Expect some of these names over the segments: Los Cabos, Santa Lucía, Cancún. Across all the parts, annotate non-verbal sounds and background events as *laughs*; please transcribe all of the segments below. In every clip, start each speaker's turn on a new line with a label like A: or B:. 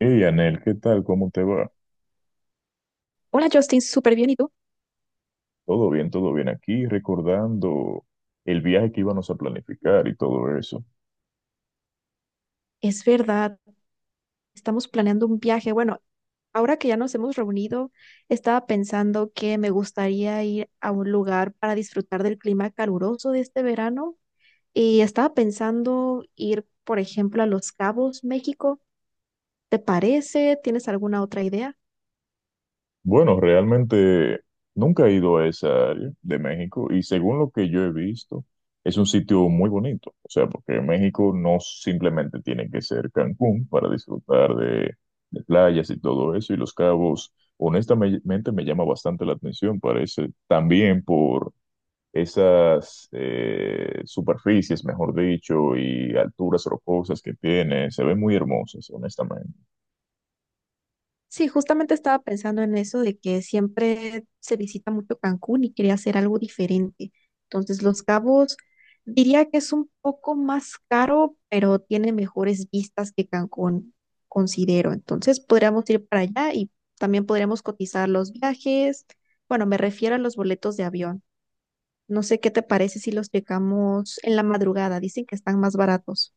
A: Hey, Anel, ¿qué tal? ¿Cómo te va?
B: Hola Justin, súper bien. ¿Y tú?
A: Todo bien aquí, recordando el viaje que íbamos a planificar y todo eso.
B: Es verdad, estamos planeando un viaje. Bueno, ahora que ya nos hemos reunido, estaba pensando que me gustaría ir a un lugar para disfrutar del clima caluroso de este verano y estaba pensando ir, por ejemplo, a Los Cabos, México. ¿Te parece? ¿Tienes alguna otra idea?
A: Bueno, realmente nunca he ido a esa área de México y según lo que yo he visto, es un sitio muy bonito. O sea, porque México no simplemente tiene que ser Cancún para disfrutar de playas y todo eso. Y Los Cabos, honestamente, me llama bastante la atención. Parece también por esas superficies, mejor dicho, y alturas rocosas que tiene, se ven muy hermosas, honestamente.
B: Sí, justamente estaba pensando en eso de que siempre se visita mucho Cancún y quería hacer algo diferente. Entonces, Los Cabos diría que es un poco más caro, pero tiene mejores vistas que Cancún, considero. Entonces, podríamos ir para allá y también podríamos cotizar los viajes. Bueno, me refiero a los boletos de avión. No sé qué te parece si los checamos en la madrugada. Dicen que están más baratos.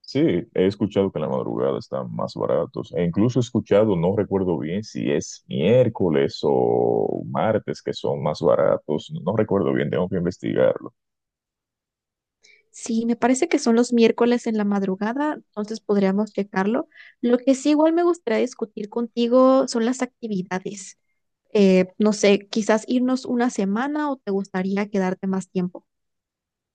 A: Sí, he escuchado que en la madrugada están más baratos, e incluso he escuchado, no recuerdo bien si es miércoles o martes que son más baratos, no no recuerdo bien, tengo que investigarlo.
B: Sí, me parece que son los miércoles en la madrugada, entonces podríamos checarlo. Lo que sí igual me gustaría discutir contigo son las actividades. No sé, quizás irnos una semana o te gustaría quedarte más tiempo.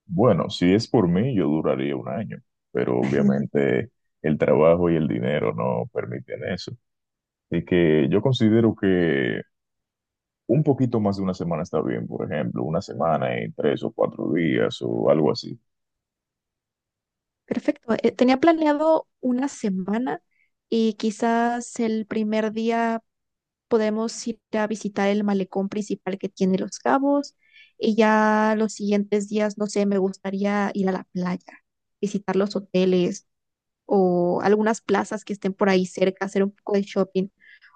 A: Bueno, si es por mí, yo duraría un año, pero
B: *laughs*
A: obviamente el trabajo y el dinero no permiten eso. Y que yo considero que Un poquito más de una semana está bien, por ejemplo, una semana en tres o cuatro días o algo así.
B: Perfecto. Tenía planeado una semana y quizás el primer día podemos ir a visitar el malecón principal que tiene Los Cabos y ya los siguientes días, no sé, me gustaría ir a la playa, visitar los hoteles o algunas plazas que estén por ahí cerca, hacer un poco de shopping.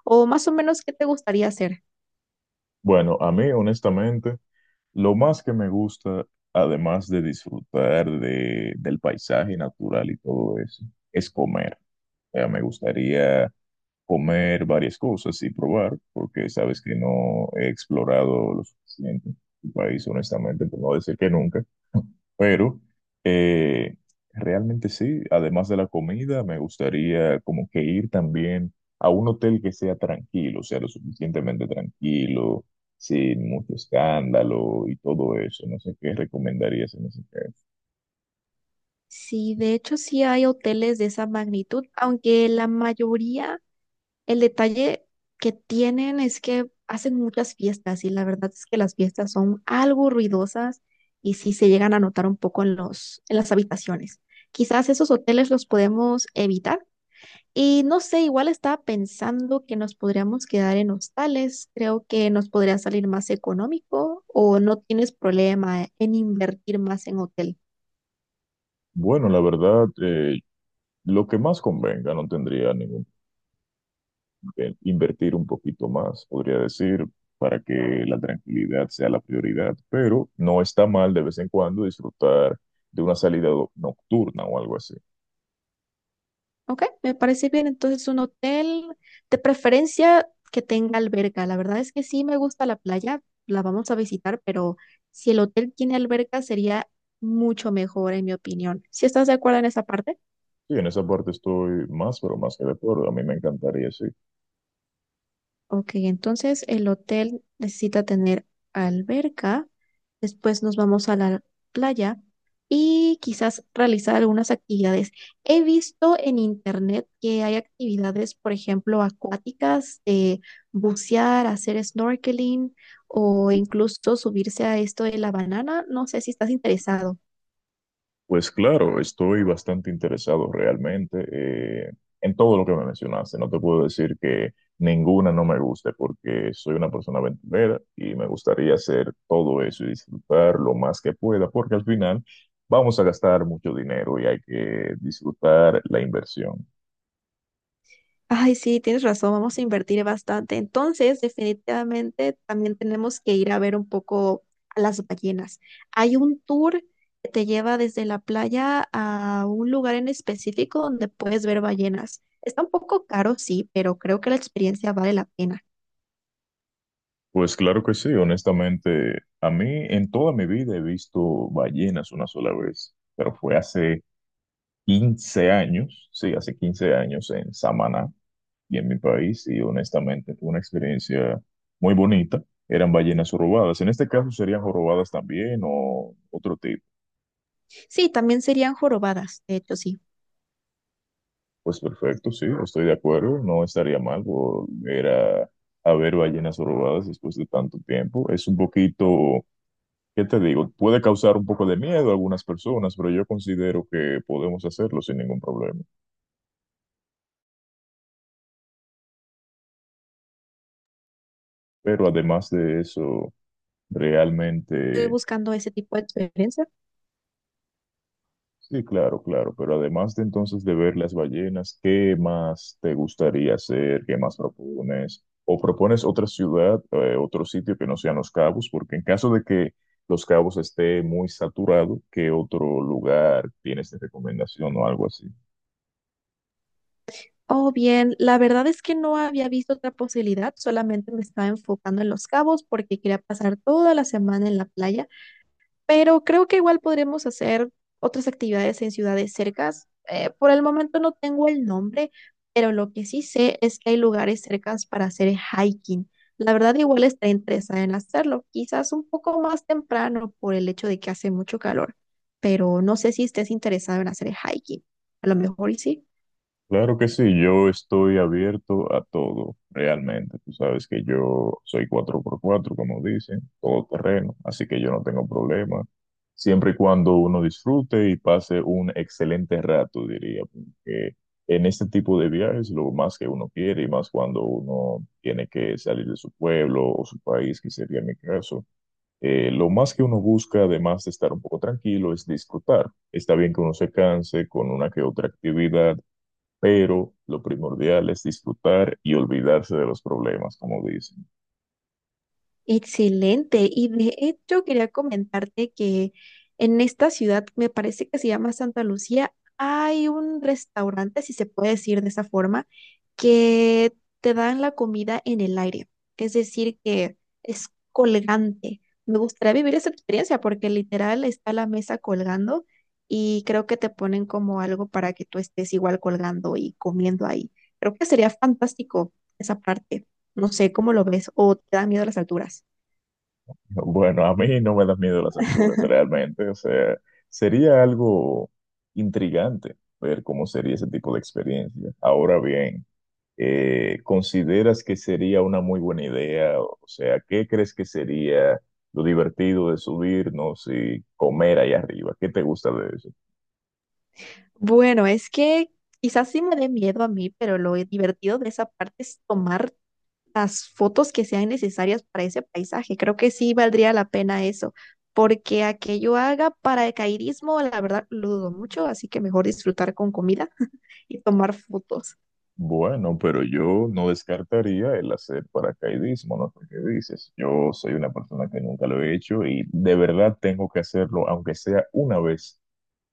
B: O más o menos, ¿qué te gustaría hacer?
A: Bueno, a mí, honestamente, lo más que me gusta, además de disfrutar del paisaje natural y todo eso, es comer. Me gustaría comer varias cosas y probar, porque sabes que no he explorado lo suficiente el país, honestamente, por no decir que nunca. Pero eh, realmente sí, además de la comida, me gustaría como que ir también a un hotel que sea tranquilo, o sea, lo suficientemente tranquilo, sin mucho escándalo y todo eso. No sé qué recomendarías en ese caso.
B: Sí, de hecho sí hay hoteles de esa magnitud, aunque la mayoría, el detalle que tienen es que hacen muchas fiestas y la verdad es que las fiestas son algo ruidosas y sí se llegan a notar un poco en las habitaciones. Quizás esos hoteles los podemos evitar. Y no sé, igual estaba pensando que nos podríamos quedar en hostales. Creo que nos podría salir más económico o no tienes problema en invertir más en hotel.
A: Bueno, la verdad, lo que más convenga, no tendría ningún problema. Invertir un poquito más, podría decir, para que la tranquilidad sea la prioridad, pero no está mal de vez en cuando disfrutar de una salida nocturna o algo así.
B: Ok, me parece bien. Entonces, un hotel de preferencia que tenga alberca. La verdad es que sí me gusta la playa, la vamos a visitar, pero si el hotel tiene alberca sería mucho mejor, en mi opinión. ¿Si estás de acuerdo en esa parte?
A: Sí, en esa parte estoy más, pero más que de acuerdo. A mí me encantaría, sí.
B: Ok, entonces el hotel necesita tener alberca, después nos vamos a la playa y quizás realizar algunas actividades. He visto en internet que hay actividades, por ejemplo, acuáticas, de bucear, hacer snorkeling o incluso subirse a esto de la banana. No sé si estás interesado.
A: Pues claro, estoy bastante interesado realmente en todo lo que me mencionaste. No te puedo decir que ninguna no me guste porque soy una persona aventurera y me gustaría hacer todo eso y disfrutar lo más que pueda, porque al final vamos a gastar mucho dinero y hay que disfrutar la inversión.
B: Ay, sí, tienes razón, vamos a invertir bastante. Entonces, definitivamente también tenemos que ir a ver un poco a las ballenas. Hay un tour que te lleva desde la playa a un lugar en específico donde puedes ver ballenas. Está un poco caro, sí, pero creo que la experiencia vale la pena.
A: Pues claro que sí, honestamente, a mí en toda mi vida he visto ballenas una sola vez, pero fue hace 15 años, sí, hace 15 años en Samaná y en mi país, y honestamente fue una experiencia muy bonita. Eran ballenas jorobadas. En este caso serían jorobadas también o otro tipo.
B: Sí, también serían jorobadas, de hecho, sí.
A: Pues perfecto, sí, estoy de acuerdo, no estaría mal volver a ver ballenas jorobadas después de tanto tiempo. Es un poquito, ¿qué te digo? Puede causar un poco de miedo a algunas personas, pero yo considero que podemos hacerlo sin ningún problema. Pero además de eso,
B: Estoy
A: realmente
B: buscando ese tipo de experiencia.
A: sí, claro, claro, pero además de entonces de ver las ballenas, ¿qué más te gustaría hacer? ¿Qué más propones? ¿O propones otra ciudad, otro sitio que no sean Los Cabos? Porque en caso de que Los Cabos esté muy saturado, ¿qué otro lugar tienes de recomendación o algo así?
B: Oh, bien, la verdad es que no había visto otra posibilidad, solamente me estaba enfocando en Los Cabos porque quería pasar toda la semana en la playa pero creo que igual podremos hacer otras actividades en ciudades cercas. Por el momento no tengo el nombre, pero lo que sí sé es que hay lugares cercas para hacer hiking. La verdad, igual estaré interesada en hacerlo, quizás un poco más temprano por el hecho de que hace mucho calor, pero no sé si estés interesado en hacer hiking. A lo mejor y sí.
A: Claro que sí, yo estoy abierto a todo, realmente. Tú sabes que yo soy cuatro por cuatro, como dicen, todo terreno, así que yo no tengo problema, siempre y cuando uno disfrute y pase un excelente rato, diría, porque en este tipo de viajes lo más que uno quiere y más cuando uno tiene que salir de su pueblo o su país, que sería mi caso, lo más que uno busca, además de estar un poco tranquilo, es disfrutar. Está bien que uno se canse con una que otra actividad, pero lo primordial es disfrutar y olvidarse de los problemas, como dicen. *laughs*
B: Excelente. Y de hecho quería comentarte que en esta ciudad, me parece que se llama Santa Lucía, hay un restaurante, si se puede decir de esa forma, que te dan la comida en el aire. Es decir, que es colgante. Me gustaría vivir esa experiencia porque literal está la mesa colgando y creo que te ponen como algo para que tú estés igual colgando y comiendo ahí. Creo que sería fantástico esa parte. No sé cómo lo ves o te da miedo las alturas.
A: Bueno, a mí no me da miedo las alturas, realmente, o sea, sería algo intrigante ver cómo sería ese tipo de experiencia. Ahora bien, ¿consideras que sería una muy buena idea? O sea, ¿qué crees que sería lo divertido de subirnos y comer ahí arriba? ¿Qué te gusta de eso?
B: Bueno, es que quizás sí me dé miedo a mí, pero lo divertido de esa parte es tomar las fotos que sean necesarias para ese paisaje. Creo que sí valdría la pena eso, porque a que yo haga paracaidismo, la verdad lo dudo mucho, así que mejor disfrutar con comida *laughs* y tomar fotos.
A: Bueno, pero yo no descartaría el hacer paracaidismo, no sé qué dices. Yo soy una persona que nunca lo he hecho y de verdad tengo que hacerlo, aunque sea una vez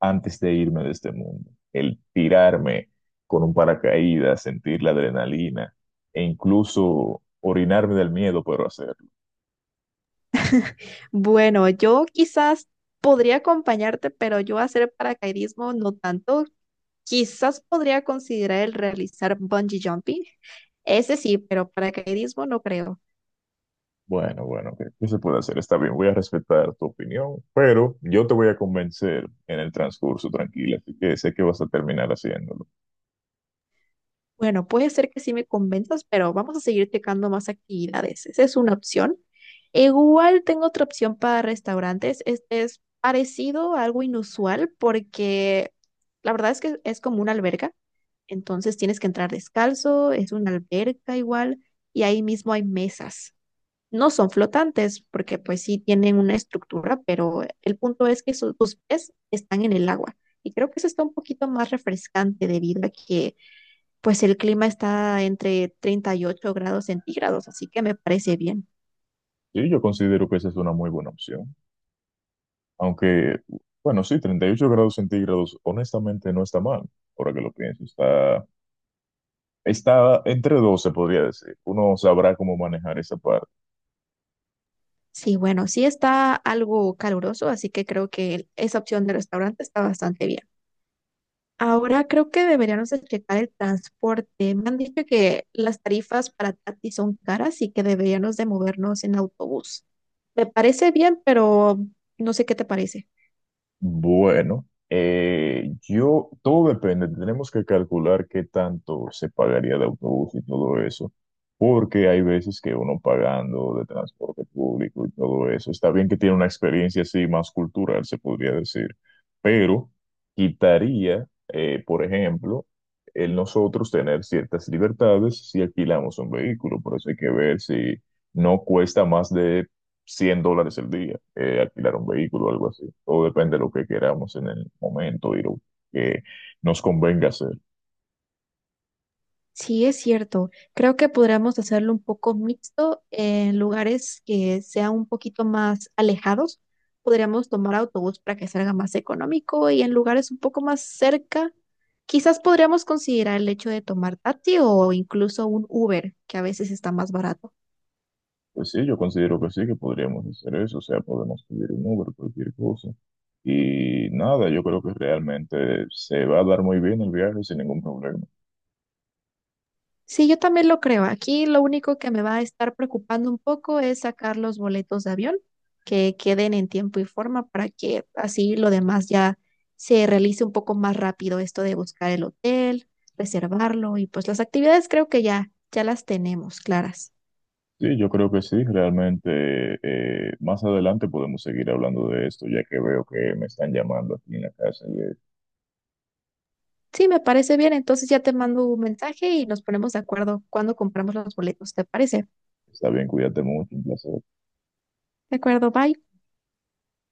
A: antes de irme de este mundo. El tirarme con un paracaídas, sentir la adrenalina e incluso orinarme del miedo, pero hacerlo.
B: Bueno, yo quizás podría acompañarte, pero yo hacer paracaidismo no tanto. Quizás podría considerar el realizar bungee jumping. Ese sí, pero paracaidismo no creo.
A: Bueno, bueno, ¿qué se puede hacer? Está bien, voy a respetar tu opinión, pero yo te voy a convencer en el transcurso, tranquila, así que sé que vas a terminar haciéndolo.
B: Bueno, puede ser que sí me convenzas, pero vamos a seguir checando más actividades. Esa es una opción. Igual tengo otra opción para restaurantes. Este es parecido a algo inusual porque la verdad es que es como una alberga. Entonces tienes que entrar descalzo, es una alberca igual y ahí mismo hay mesas. No son flotantes porque pues sí tienen una estructura, pero el punto es que tus pies están en el agua. Y creo que eso está un poquito más refrescante debido a que pues el clima está entre 38 grados centígrados, así que me parece bien.
A: Sí, yo considero que esa es una muy buena opción. Aunque, bueno, sí, 38 grados centígrados, honestamente no está mal, ahora que lo pienso. Está entre dos, se podría decir. Uno sabrá cómo manejar esa parte.
B: Sí, bueno, sí está algo caluroso, así que creo que esa opción de restaurante está bastante bien. Ahora creo que deberíamos de checar el transporte. Me han dicho que las tarifas para Tati son caras y que deberíamos de movernos en autobús. Me parece bien, pero no sé qué te parece.
A: Bueno, yo, todo depende, tenemos que calcular qué tanto se pagaría de autobús y todo eso, porque hay veces que uno pagando de transporte público y todo eso, está bien que tiene una experiencia así más cultural, se podría decir, pero quitaría, por ejemplo, el nosotros tener ciertas libertades si alquilamos un vehículo, por eso hay que ver si no cuesta más de 100 dólares el día, alquilar un vehículo o algo así. Todo depende de lo que queramos en el momento y lo que nos convenga hacer.
B: Sí, es cierto. Creo que podríamos hacerlo un poco mixto en lugares que sean un poquito más alejados. Podríamos tomar autobús para que salga más económico y en lugares un poco más cerca, quizás podríamos considerar el hecho de tomar taxi o incluso un Uber, que a veces está más barato.
A: Pues sí, yo considero que sí, que podríamos hacer eso, o sea, podemos pedir un Uber, cualquier cosa. Y nada, yo creo que realmente se va a dar muy bien el viaje sin ningún problema.
B: Sí, yo también lo creo. Aquí lo único que me va a estar preocupando un poco es sacar los boletos de avión que queden en tiempo y forma para que así lo demás ya se realice un poco más rápido esto de buscar el hotel, reservarlo y pues las actividades creo que ya las tenemos claras.
A: Sí, yo creo que sí, realmente más adelante podemos seguir hablando de esto, ya que veo que me están llamando aquí en la casa.
B: Sí, me parece bien. Entonces ya te mando un mensaje y nos ponemos de acuerdo cuando compramos los boletos. ¿Te parece?
A: Está bien, cuídate mucho, un placer.
B: De acuerdo, bye.